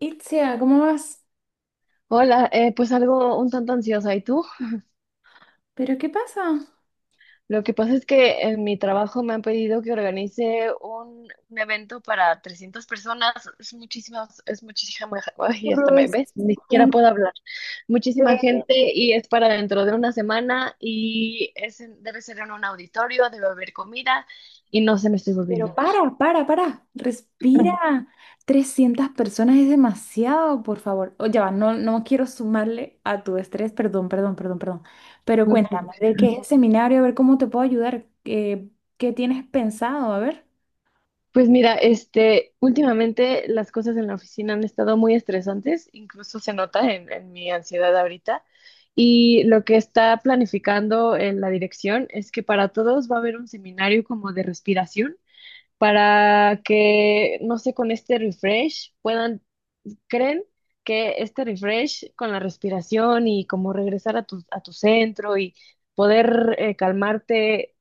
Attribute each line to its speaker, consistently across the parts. Speaker 1: Itzia, ¿cómo vas?
Speaker 2: Hola, pues algo un tanto ansiosa. ¿Y tú?
Speaker 1: ¿Pero qué pasa?
Speaker 2: Lo que pasa es que en mi trabajo me han pedido que organice un evento para 300 personas. Es muchísimas, es muchísima, ay, hasta me
Speaker 1: Pues,
Speaker 2: ves, ni siquiera
Speaker 1: siempre.
Speaker 2: puedo hablar. Muchísima gente y es para dentro de una semana y es, debe ser en un auditorio, debe haber comida y no se me estoy volviendo
Speaker 1: Pero
Speaker 2: loca.
Speaker 1: para, respira. Trescientas personas es demasiado, por favor. Oye, va, no, no quiero sumarle a tu estrés, perdón, perdón, perdón, perdón. Pero
Speaker 2: No, no, no.
Speaker 1: cuéntame, ¿de qué es el seminario? A ver cómo te puedo ayudar. ¿Qué tienes pensado? A ver.
Speaker 2: Pues mira, este, últimamente las cosas en la oficina han estado muy estresantes, incluso se nota en mi ansiedad ahorita. Y lo que está planificando en la dirección es que para todos va a haber un seminario como de respiración para que, no sé, con este refresh puedan, creen que este refresh con la respiración y como regresar a a tu centro y poder calmarte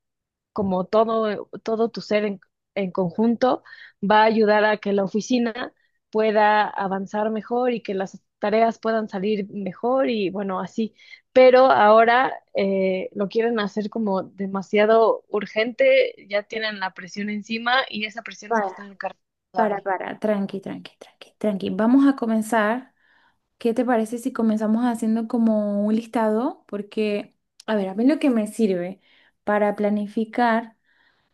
Speaker 2: como todo tu ser en conjunto, va a ayudar a que la oficina pueda avanzar mejor y que las tareas puedan salir mejor y bueno, así. Pero ahora lo quieren hacer como demasiado urgente, ya tienen la presión encima y esa presión me
Speaker 1: para,
Speaker 2: la están encargando a mí,
Speaker 1: Para, tranqui, tranqui, tranqui, tranqui. Vamos a comenzar. ¿Qué te parece si comenzamos haciendo como un listado? Porque, a ver, a mí lo que me sirve para planificar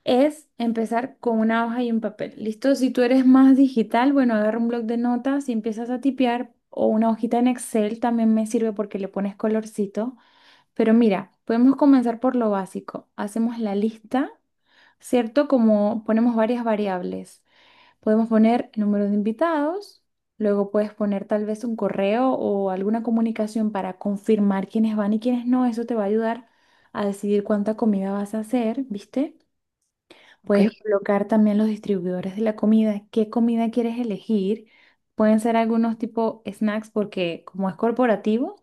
Speaker 1: es empezar con una hoja y un papel. ¿Listo? Si tú eres más digital, bueno, agarra un bloc de notas y empiezas a tipear o una hojita en Excel también me sirve porque le pones colorcito. Pero mira, podemos comenzar por lo básico. Hacemos la lista, ¿cierto? Como ponemos varias variables. Podemos poner número de invitados, luego puedes poner tal vez un correo o alguna comunicación para confirmar quiénes van y quiénes no. Eso te va a ayudar a decidir cuánta comida vas a hacer, ¿viste?
Speaker 2: ¿ok?
Speaker 1: Puedes colocar también los distribuidores de la comida, qué comida quieres elegir. Pueden ser algunos tipo snacks porque como es corporativo,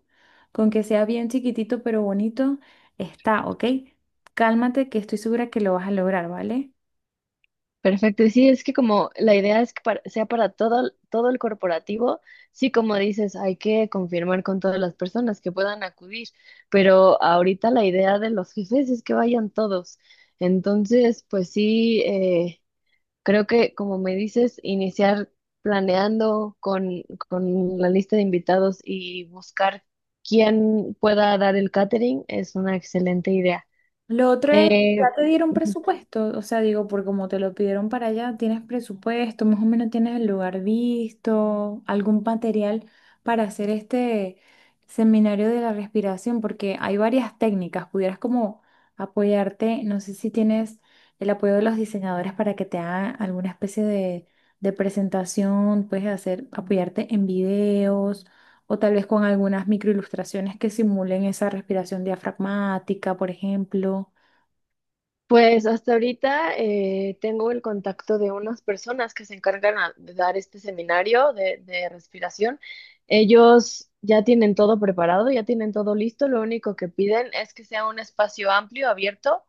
Speaker 1: con que sea bien chiquitito pero bonito, está, ¿ok? Cálmate que estoy segura que lo vas a lograr, ¿vale?
Speaker 2: Perfecto, y sí, es que como la idea es que sea para todo, todo el corporativo, sí, como dices, hay que confirmar con todas las personas que puedan acudir, pero ahorita la idea de los jefes es que vayan todos. Entonces, pues sí, creo que como me dices, iniciar planeando con la lista de invitados y buscar quién pueda dar el catering es una excelente idea.
Speaker 1: Lo otro es, ya
Speaker 2: Eh,
Speaker 1: te dieron presupuesto, o sea, digo, por como te lo pidieron para allá, tienes presupuesto, más o menos tienes el lugar visto, algún material para hacer este seminario de la respiración, porque hay varias técnicas, pudieras como apoyarte, no sé si tienes el apoyo de los diseñadores para que te hagan alguna especie de presentación, puedes hacer, apoyarte en videos o tal vez con algunas microilustraciones que simulen esa respiración diafragmática, por ejemplo.
Speaker 2: Pues hasta ahorita tengo el contacto de unas personas que se encargan de dar este seminario de respiración. Ellos ya tienen todo preparado, ya tienen todo listo. Lo único que piden es que sea un espacio amplio, abierto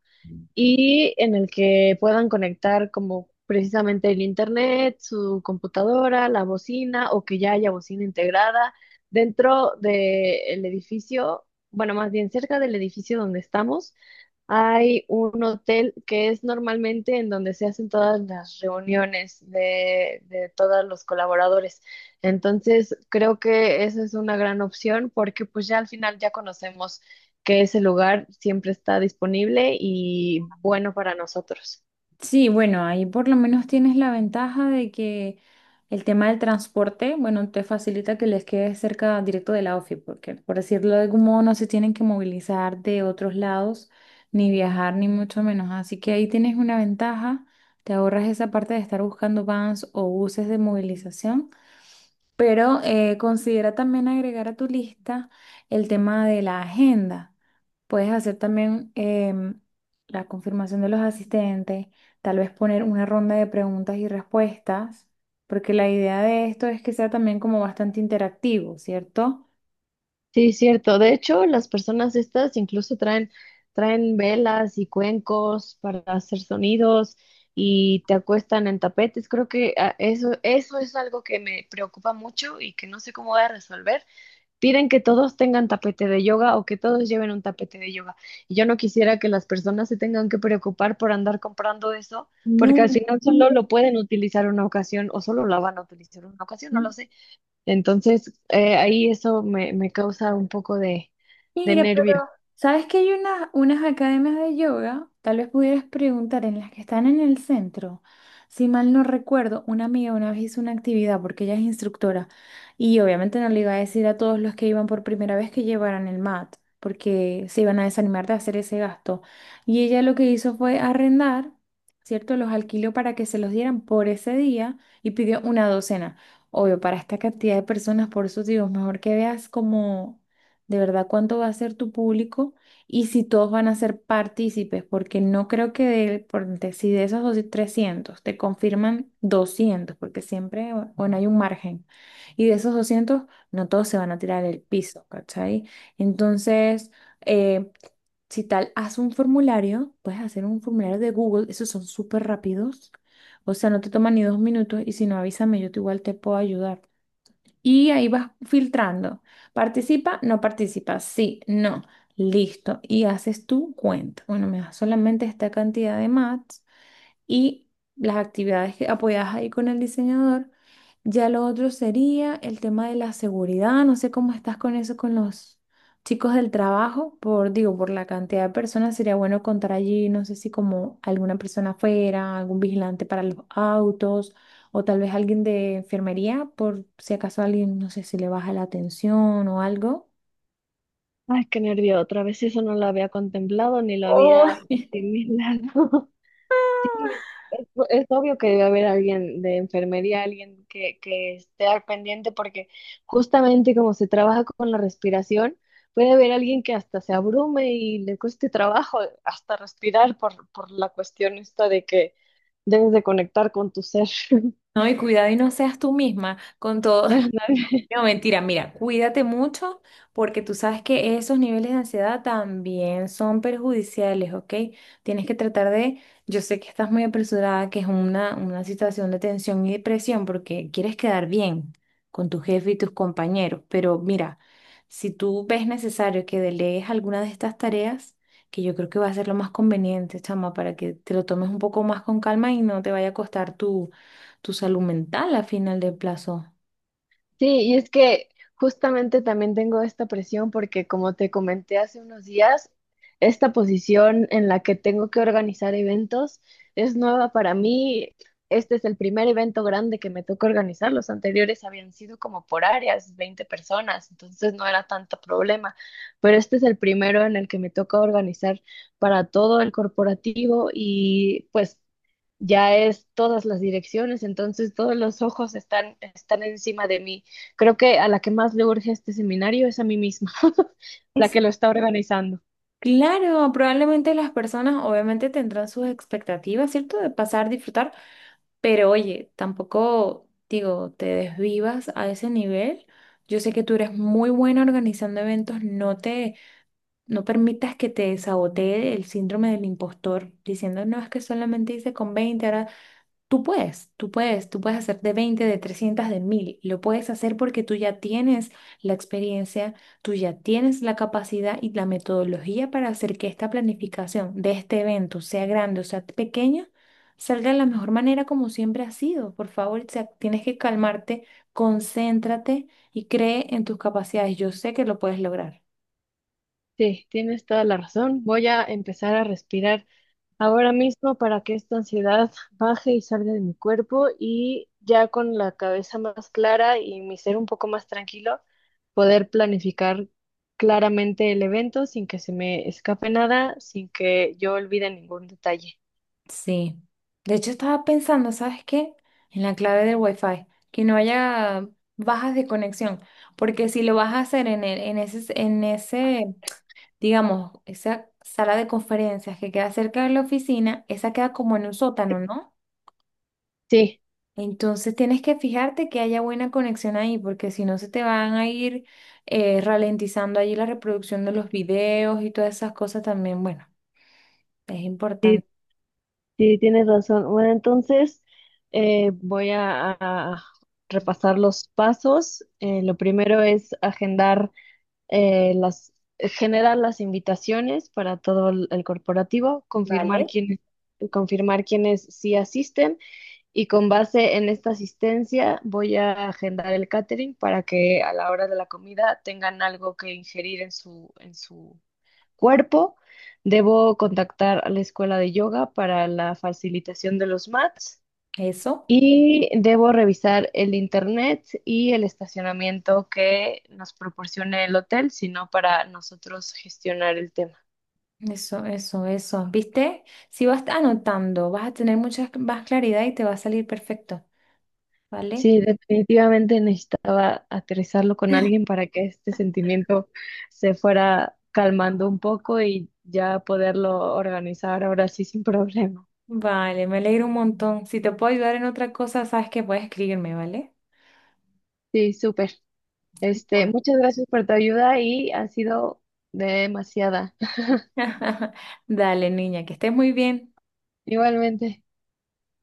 Speaker 2: y en el que puedan conectar como precisamente el internet, su computadora, la bocina o que ya haya bocina integrada dentro del edificio, bueno, más bien cerca del edificio donde estamos. Hay un hotel que es normalmente en donde se hacen todas las reuniones de todos los colaboradores. Entonces, creo que esa es una gran opción porque pues ya al final ya conocemos que ese lugar siempre está disponible y bueno para nosotros.
Speaker 1: Sí, bueno, ahí por lo menos tienes la ventaja de que el tema del transporte, bueno, te facilita que les quede cerca directo de la OFI, porque por decirlo de algún modo no se tienen que movilizar de otros lados, ni viajar, ni mucho menos. Así que ahí tienes una ventaja, te ahorras esa parte de estar buscando vans o buses de movilización. Pero considera también agregar a tu lista el tema de la agenda. Puedes hacer también la confirmación de los asistentes, tal vez poner una ronda de preguntas y respuestas, porque la idea de esto es que sea también como bastante interactivo, ¿cierto?
Speaker 2: Sí, cierto. De hecho, las personas estas incluso traen, traen velas y cuencos para hacer sonidos y te acuestan en tapetes. Creo que ah, eso es algo que me preocupa mucho y que no sé cómo voy a resolver. Piden que todos tengan tapete de yoga o que todos lleven un tapete de yoga. Y yo no quisiera que las personas se tengan que preocupar por andar comprando eso, porque al
Speaker 1: No.
Speaker 2: final solo lo pueden utilizar una ocasión o solo la van a utilizar una ocasión, no lo sé. Entonces, ahí eso me causa un poco de
Speaker 1: Mira, pero
Speaker 2: nervio.
Speaker 1: ¿sabes que hay unas academias de yoga? Tal vez pudieras preguntar en las que están en el centro. Si mal no recuerdo, una amiga una vez hizo una actividad porque ella es instructora y obviamente no le iba a decir a todos los que iban por primera vez que llevaran el mat porque se iban a desanimar de hacer ese gasto. Y ella lo que hizo fue arrendar, ¿cierto? Los alquiló para que se los dieran por ese día y pidió una docena. Obvio, para esta cantidad de personas, por eso digo, mejor que veas como de verdad cuánto va a ser tu público y si todos van a ser partícipes, porque no creo que de, por ejemplo, si de esos dos- 300 te confirman 200 porque siempre, bueno, hay un margen, y de esos 200 no todos se van a tirar el piso, ¿cachai? Entonces, eh, si tal, haz un formulario, puedes hacer un formulario de Google, esos son súper rápidos, o sea, no te toman ni dos minutos y si no, avísame, yo te igual te puedo ayudar. Y ahí vas filtrando. Participa, no participa, sí, no. Listo. Y haces tu cuenta. Bueno, me das solamente esta cantidad de mats y las actividades que apoyadas ahí con el diseñador. Ya lo otro sería el tema de la seguridad. No sé cómo estás con eso con los chicos del trabajo. Por, digo, por la cantidad de personas sería bueno contar allí, no sé si como alguna persona afuera, algún vigilante para los autos o tal vez alguien de enfermería por si acaso alguien, no sé si le baja la atención o algo.
Speaker 2: Ay, qué nervio. Otra vez eso no lo había contemplado ni lo había
Speaker 1: Oh,
Speaker 2: asimilado. Sí, es obvio que debe haber alguien de enfermería, alguien que esté al pendiente, porque justamente como se trabaja con la respiración, puede haber alguien que hasta se abrume y le cueste trabajo hasta respirar por la cuestión esta de que debes de conectar con tu ser.
Speaker 1: No, y cuidado y no seas tú misma con todo. No, mentira, mira, cuídate mucho porque tú sabes que esos niveles de ansiedad también son perjudiciales, ¿ok? Tienes que tratar de, yo sé que estás muy apresurada, que es una situación de tensión y depresión porque quieres quedar bien con tu jefe y tus compañeros, pero mira, si tú ves necesario que delegues alguna de estas tareas, que yo creo que va a ser lo más conveniente, chama, para que te lo tomes un poco más con calma y no te vaya a costar tu, tu salud mental a final del plazo.
Speaker 2: Sí, y es que justamente también tengo esta presión porque como te comenté hace unos días, esta posición en la que tengo que organizar eventos es nueva para mí. Este es el primer evento grande que me toca organizar. Los anteriores habían sido como por áreas, 20 personas, entonces no era tanto problema. Pero este es el primero en el que me toca organizar para todo el corporativo y pues ya es todas las direcciones, entonces todos los ojos están, están encima de mí. Creo que a la que más le urge este seminario es a mí misma, la que lo está organizando.
Speaker 1: Claro, probablemente las personas obviamente tendrán sus expectativas, ¿cierto? De pasar, disfrutar, pero oye, tampoco, digo, te desvivas a ese nivel. Yo sé que tú eres muy buena organizando eventos, no te, no permitas que te sabotee el síndrome del impostor, diciendo, no, es que solamente hice con 20 ahora. Tú puedes, tú puedes, tú puedes hacer de 20, de 300, de 1000. Lo puedes hacer porque tú ya tienes la experiencia, tú ya tienes la capacidad y la metodología para hacer que esta planificación de este evento, sea grande o sea pequeña, salga de la mejor manera como siempre ha sido. Por favor, o sea, tienes que calmarte, concéntrate y cree en tus capacidades. Yo sé que lo puedes lograr.
Speaker 2: Sí, tienes toda la razón. Voy a empezar a respirar ahora mismo para que esta ansiedad baje y salga de mi cuerpo y ya con la cabeza más clara y mi ser un poco más tranquilo, poder planificar claramente el evento sin que se me escape nada, sin que yo olvide ningún detalle.
Speaker 1: Sí. De hecho, estaba pensando, ¿sabes qué? En la clave del Wi-Fi, que no haya bajas de conexión, porque si lo vas a hacer en ese, digamos, esa sala de conferencias que queda cerca de la oficina, esa queda como en un sótano, ¿no?
Speaker 2: Sí,
Speaker 1: Entonces tienes que fijarte que haya buena conexión ahí, porque si no se te van a ir ralentizando allí la reproducción de los videos y todas esas cosas también. Bueno, es
Speaker 2: sí,
Speaker 1: importante
Speaker 2: Sí, tienes razón. Bueno, entonces voy a repasar los pasos. Lo primero es agendar eh, las, generar las invitaciones para todo el corporativo, confirmar quiénes sí asisten y con base en esta asistencia voy a agendar el catering para que a la hora de la comida tengan algo que ingerir en en su cuerpo. Debo contactar a la escuela de yoga para la facilitación de los mats
Speaker 1: eso.
Speaker 2: y debo revisar el internet y el estacionamiento que nos proporcione el hotel, sino para nosotros gestionar el tema.
Speaker 1: Eso, eso, eso. ¿Viste? Si vas anotando, vas a tener mucha más claridad y te va a salir perfecto, ¿vale?
Speaker 2: Sí, definitivamente necesitaba aterrizarlo con alguien para que este sentimiento se fuera calmando un poco y ya poderlo organizar ahora sí sin problema.
Speaker 1: Vale, me alegro un montón. Si te puedo ayudar en otra cosa, sabes que puedes escribirme, ¿vale?
Speaker 2: Sí, súper. Este,
Speaker 1: Bueno.
Speaker 2: muchas gracias por tu ayuda y ha sido demasiada.
Speaker 1: Dale, niña, que estés muy bien.
Speaker 2: Igualmente.